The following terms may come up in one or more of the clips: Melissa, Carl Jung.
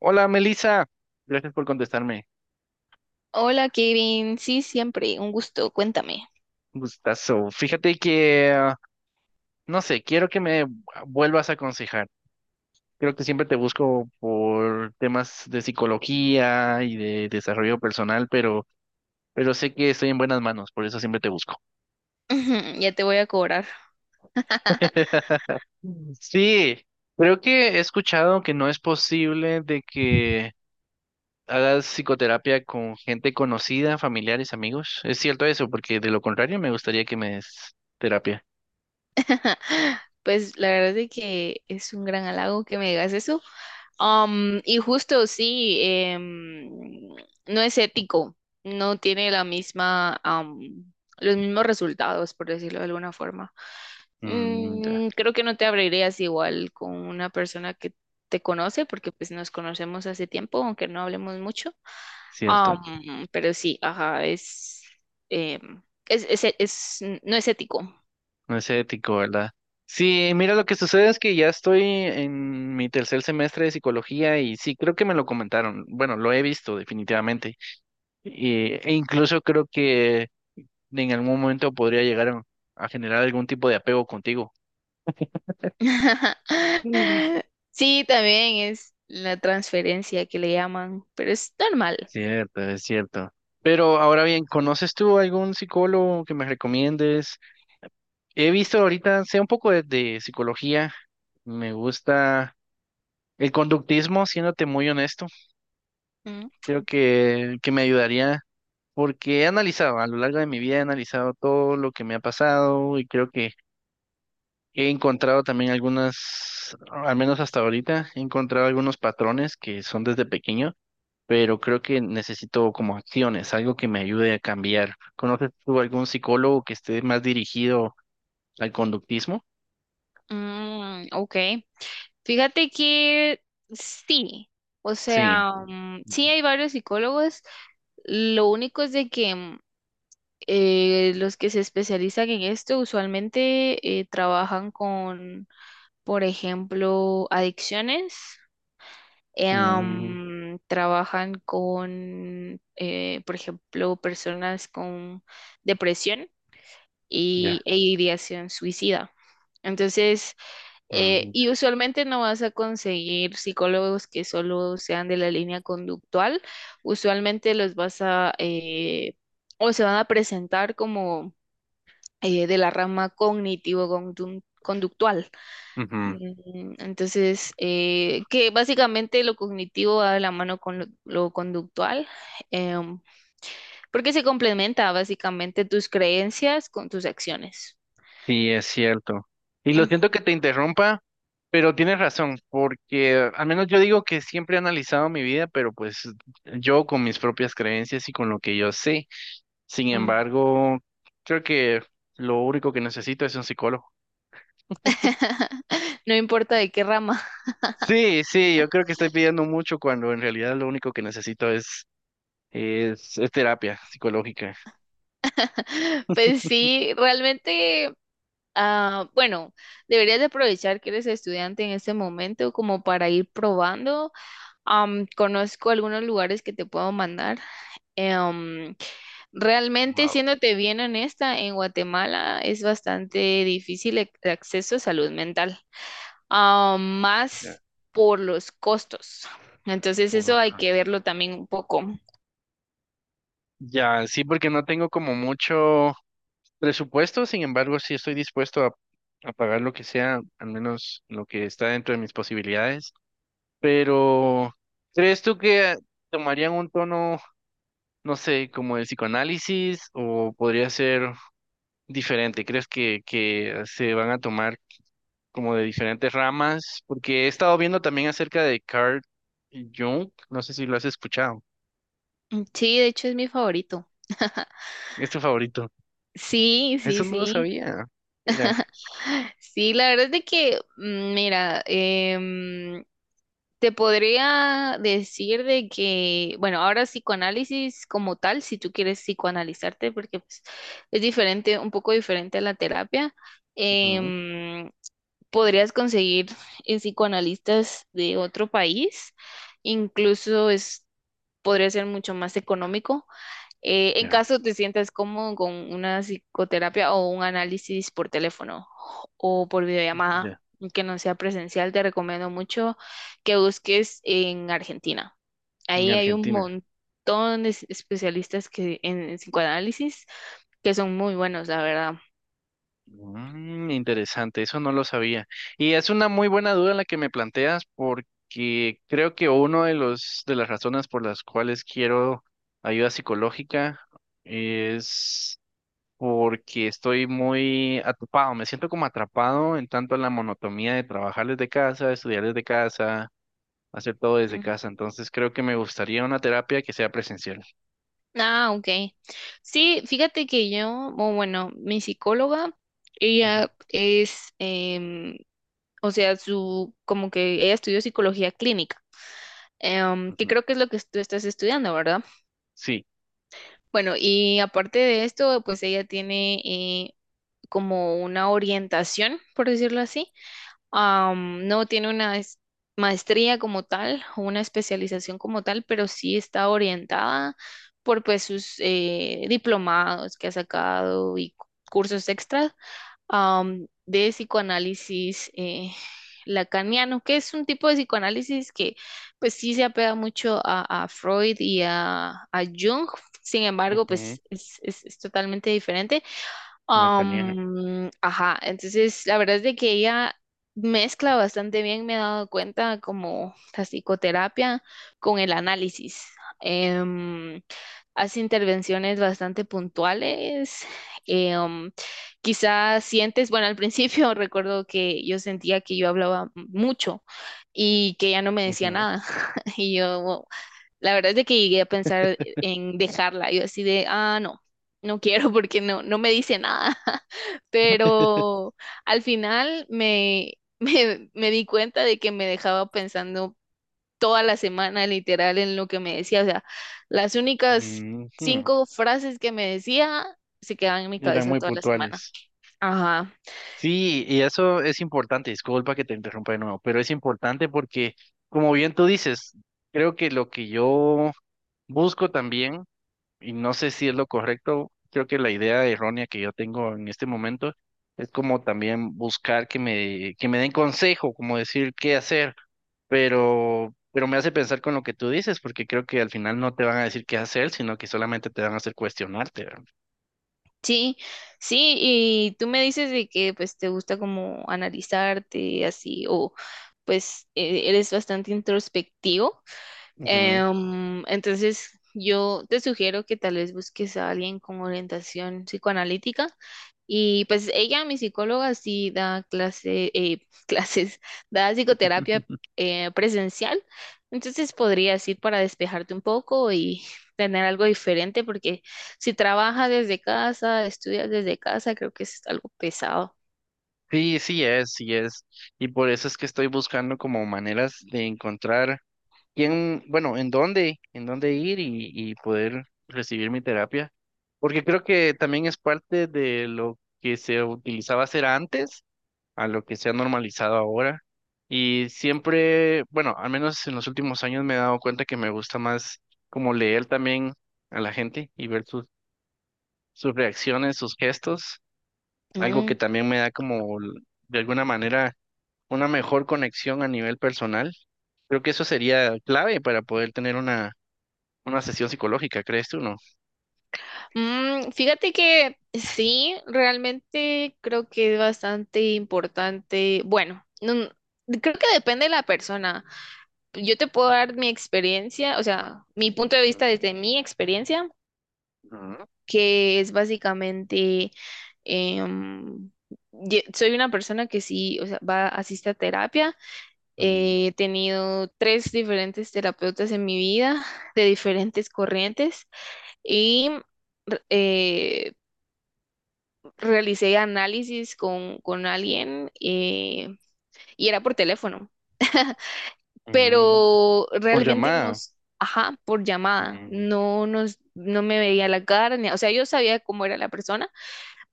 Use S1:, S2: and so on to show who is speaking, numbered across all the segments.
S1: Hola, Melissa. Gracias por contestarme.
S2: Hola Kevin, sí, siempre, un gusto, cuéntame.
S1: Gustazo. Fíjate que, no sé, quiero que me vuelvas a aconsejar. Creo que siempre te busco por temas de psicología y de desarrollo personal, pero sé que estoy en buenas manos, por eso siempre te busco.
S2: Ujú, ya te voy a cobrar.
S1: Sí, creo que he escuchado que no es posible de que hagas psicoterapia con gente conocida, familiares, amigos. ¿Es cierto eso? Porque de lo contrario me gustaría que me des terapia.
S2: Pues la verdad es de que es un gran halago que me digas eso. Y justo sí, no es ético, no tiene la misma, los mismos resultados, por decirlo de alguna forma.
S1: Mm, ya.
S2: Creo que no te abrirías igual con una persona que te conoce, porque pues nos conocemos hace tiempo, aunque no hablemos mucho.
S1: Cierto,
S2: Pero sí, ajá, es, no es ético.
S1: no es ético, ¿verdad? Sí, mira, lo que sucede es que ya estoy en mi tercer semestre de psicología y sí, creo que me lo comentaron. Bueno, lo he visto definitivamente. Y- e incluso creo que en algún momento podría llegar a generar algún tipo de apego contigo. Mm.
S2: Sí, también es la transferencia que le llaman, pero es normal.
S1: Cierto, es cierto. Pero ahora bien, ¿conoces tú algún psicólogo que me recomiendes? He visto ahorita, sé un poco de psicología. Me gusta el conductismo, siéndote muy honesto.
S2: Mm,
S1: Creo que me ayudaría porque he analizado, a lo largo de mi vida he analizado todo lo que me ha pasado y creo que he encontrado también algunas, al menos hasta ahorita, he encontrado algunos patrones que son desde pequeño, pero creo que necesito como acciones, algo que me ayude a cambiar. ¿Conoces tú algún psicólogo que esté más dirigido al conductismo?
S2: ok. Fíjate que sí, o
S1: Sí.
S2: sea, sí hay varios psicólogos. Lo único es de que los que se especializan en esto usualmente trabajan con, por ejemplo, adicciones. Eh,
S1: Mm,
S2: Trabajan con, por ejemplo, personas con depresión
S1: ya.
S2: y, e ideación suicida. Entonces,
S1: Mm,
S2: y usualmente no vas a conseguir psicólogos que solo sean de la línea conductual. Usualmente los vas a, o se van a presentar como de la rama cognitivo-conductual.
S1: ujú.
S2: Entonces, que básicamente lo cognitivo va de la mano con lo conductual, em, porque se complementa básicamente tus creencias con tus acciones.
S1: Sí, es cierto. Y lo
S2: Mm,
S1: siento que te interrumpa, pero tienes razón, porque al menos yo digo que siempre he analizado mi vida, pero pues yo con mis propias creencias y con lo que yo sé. Sin
S2: mm.
S1: embargo, creo que lo único que necesito es un psicólogo.
S2: No importa de qué rama.
S1: Sí, sí, yo creo que estoy pidiendo mucho cuando en realidad lo único que necesito es terapia psicológica.
S2: Pues sí, realmente, bueno, deberías de aprovechar que eres estudiante en este momento como para ir probando. Conozco algunos lugares que te puedo mandar. Em, Realmente,
S1: Wow.
S2: siéndote bien honesta, en Guatemala es bastante difícil el acceso a salud mental,
S1: Ya,
S2: más por los costos. Entonces, eso
S1: uno-
S2: hay que verlo también un poco.
S1: ya, sí, porque no tengo como mucho. Presupuesto, sin embargo, sí estoy dispuesto a pagar lo que sea, al menos lo que está dentro de mis posibilidades. Pero, ¿crees tú que tomarían un tono, no sé, como el psicoanálisis o podría ser diferente? ¿Crees que se van a tomar como de diferentes ramas? Porque he estado viendo también acerca de Carl Jung, no sé si lo has escuchado,
S2: Sí, de hecho es mi favorito.
S1: es tu favorito.
S2: Sí, sí,
S1: Eso no lo
S2: sí.
S1: sabía. Mira,
S2: Sí, la verdad es de que, mira, te podría decir de que, bueno, ahora psicoanálisis como tal, si tú quieres psicoanalizarte, porque pues, es diferente, un poco diferente a la terapia,
S1: ujú,
S2: em, podrías conseguir psicoanalistas de otro país, incluso es, podría ser mucho más económico en
S1: ya,
S2: caso te sientas cómodo con una psicoterapia o un análisis por teléfono o por videollamada,
S1: ya,
S2: que no sea presencial, te recomiendo mucho que busques en Argentina.
S1: en
S2: Ahí hay un
S1: Argentina.
S2: montón de especialistas que, en psicoanálisis que son muy buenos, la verdad.
S1: Mm, interesante, eso no lo sabía. Y es una muy buena duda la que me planteas porque creo que uno de los de las razones por las cuales quiero ayuda psicológica es porque estoy muy atrapado, me siento como atrapado en tanto en la monotonía de trabajar desde casa, estudiar desde casa, hacer todo desde
S2: Mm.
S1: casa. Entonces creo que me gustaría una terapia que sea presencial.
S2: Ah, ok. Sí, fíjate que yo, o bueno, mi psicóloga,
S1: Ujú,
S2: ella es, o sea, como que ella estudió psicología clínica. Em, que
S1: ujú.
S2: creo que es lo que tú estás estudiando, ¿verdad?
S1: Sí.
S2: Bueno, y aparte de esto, pues ella tiene como una orientación, por decirlo así. No tiene una maestría como tal o una especialización como tal, pero sí está orientada por pues sus diplomados que ha sacado y cursos extras, de psicoanálisis lacaniano, que es un tipo de psicoanálisis que pues sí se apega mucho a Freud y a Jung, sin embargo,
S1: Ujú,
S2: pues es, es totalmente diferente.
S1: la canija.
S2: Ajá, entonces la verdad es de que ella mezcla bastante bien, me he dado cuenta, como la psicoterapia con el análisis. Em, Hace intervenciones bastante puntuales. eh, um, quizás sientes, bueno, al principio recuerdo que yo sentía que yo hablaba mucho y que ella no me decía nada. Y yo, wow, la verdad es de que llegué a pensar en dejarla. Yo así de, ah, no, no quiero porque no, no me dice nada. Pero al final me di cuenta de que me dejaba pensando toda la semana, literal, en lo que me decía. O sea, las únicas cinco frases que me decía se quedaban en mi
S1: Eran
S2: cabeza
S1: muy
S2: toda la semana.
S1: puntuales.
S2: Ajá.
S1: Sí, y eso es importante, disculpa que te interrumpa de nuevo, pero es importante porque, como bien tú dices, creo que lo que yo busco también, y no sé si es lo correcto, creo que la idea errónea que yo tengo en este momento es como también buscar que me den consejo, como decir qué hacer, pero me hace pensar con lo que tú dices, porque creo que al final no te van a decir qué hacer, sino que solamente te van a hacer cuestionarte, ¿verdad?
S2: Sí, sí, y tú me dices de que pues te gusta como analizarte así, o pues eres bastante introspectivo.
S1: Ujú.
S2: Entonces, yo te sugiero que tal vez busques a alguien con orientación psicoanalítica. Y pues ella, mi psicóloga, sí da clase, clases, da psicoterapia presencial. Entonces podrías ir para despejarte un poco y tener algo diferente, porque si trabajas desde casa, estudias desde casa, creo que es algo pesado.
S1: Sí, sí es, sí es. Y por eso es que estoy buscando como maneras de encontrar quién, bueno, en dónde ir y poder recibir mi terapia. Porque creo que también es parte de lo que se utilizaba hacer antes a lo que se ha normalizado ahora. Y siempre, bueno, al menos en los últimos años me he dado cuenta que me gusta más como leer también a la gente y ver sus, sus reacciones, sus gestos, algo que
S2: Mm.
S1: también me da como de alguna manera una mejor conexión a nivel personal. Creo que eso sería clave para poder tener una sesión psicológica, ¿crees tú, no?
S2: Mm, fíjate que sí, realmente creo que es bastante importante. Bueno, creo que depende de la persona. Yo te puedo dar mi experiencia, o sea, mi punto de vista desde mi experiencia,
S1: Ujú,
S2: que es básicamente, em, soy una persona que sí, o sea, va, asiste a terapia.
S1: ujú,
S2: He tenido tres diferentes terapeutas en mi vida, de diferentes corrientes, y re- eh, realicé análisis con alguien y era por teléfono.
S1: ujú.
S2: Pero
S1: Por
S2: realmente
S1: llamada.
S2: nos, ajá, por llamada,
S1: Ujú,
S2: no me veía la cara, o sea, yo sabía cómo era la persona,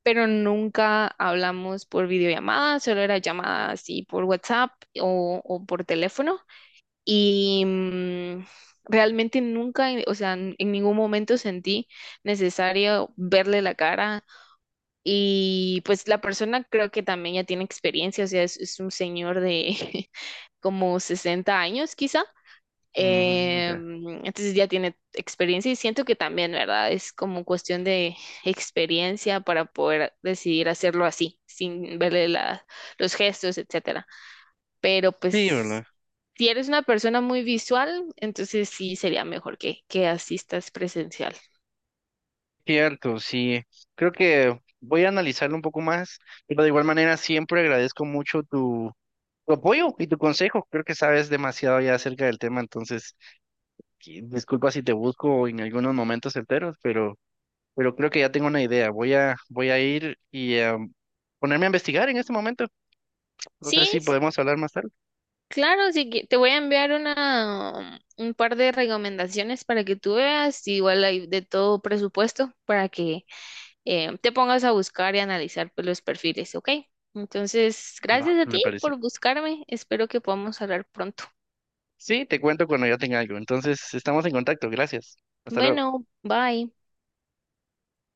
S2: pero nunca hablamos por videollamada, solo era llamada así por WhatsApp o por teléfono y realmente nunca, o sea, en ningún momento sentí necesario verle la cara. Y pues la persona creo que también ya tiene experiencia, o sea, es un señor de como 60 años quizá.
S1: ujú, ya.
S2: Entonces ya tiene experiencia y siento que también, ¿verdad? Es como cuestión de experiencia para poder decidir hacerlo así, sin verle los gestos, etcétera. Pero
S1: Sí, ¿verdad?
S2: pues si eres una persona muy visual, entonces sí sería mejor que asistas presencial.
S1: Cierto, sí. Creo que voy a analizarlo un poco más, pero de igual manera siempre agradezco mucho tu apoyo y tu consejo. Creo que sabes demasiado ya acerca del tema, entonces, que- disculpa si te busco en algunos momentos enteros, pero creo que ya tengo una idea. Voy a ir y ponerme a investigar en este momento. No sé
S2: Sí,
S1: si podemos hablar más tarde.
S2: claro, sí que te voy a enviar un par de recomendaciones para que tú veas. Igual hay de todo presupuesto para que te pongas a buscar y analizar pues, los perfiles, ¿ok? Entonces,
S1: No,
S2: gracias a
S1: me
S2: ti
S1: parece.
S2: por buscarme. Espero que podamos hablar pronto.
S1: Sí, te cuento cuando ya tenga algo. Entonces, estamos en contacto. Gracias. Hasta luego.
S2: Bueno, bye.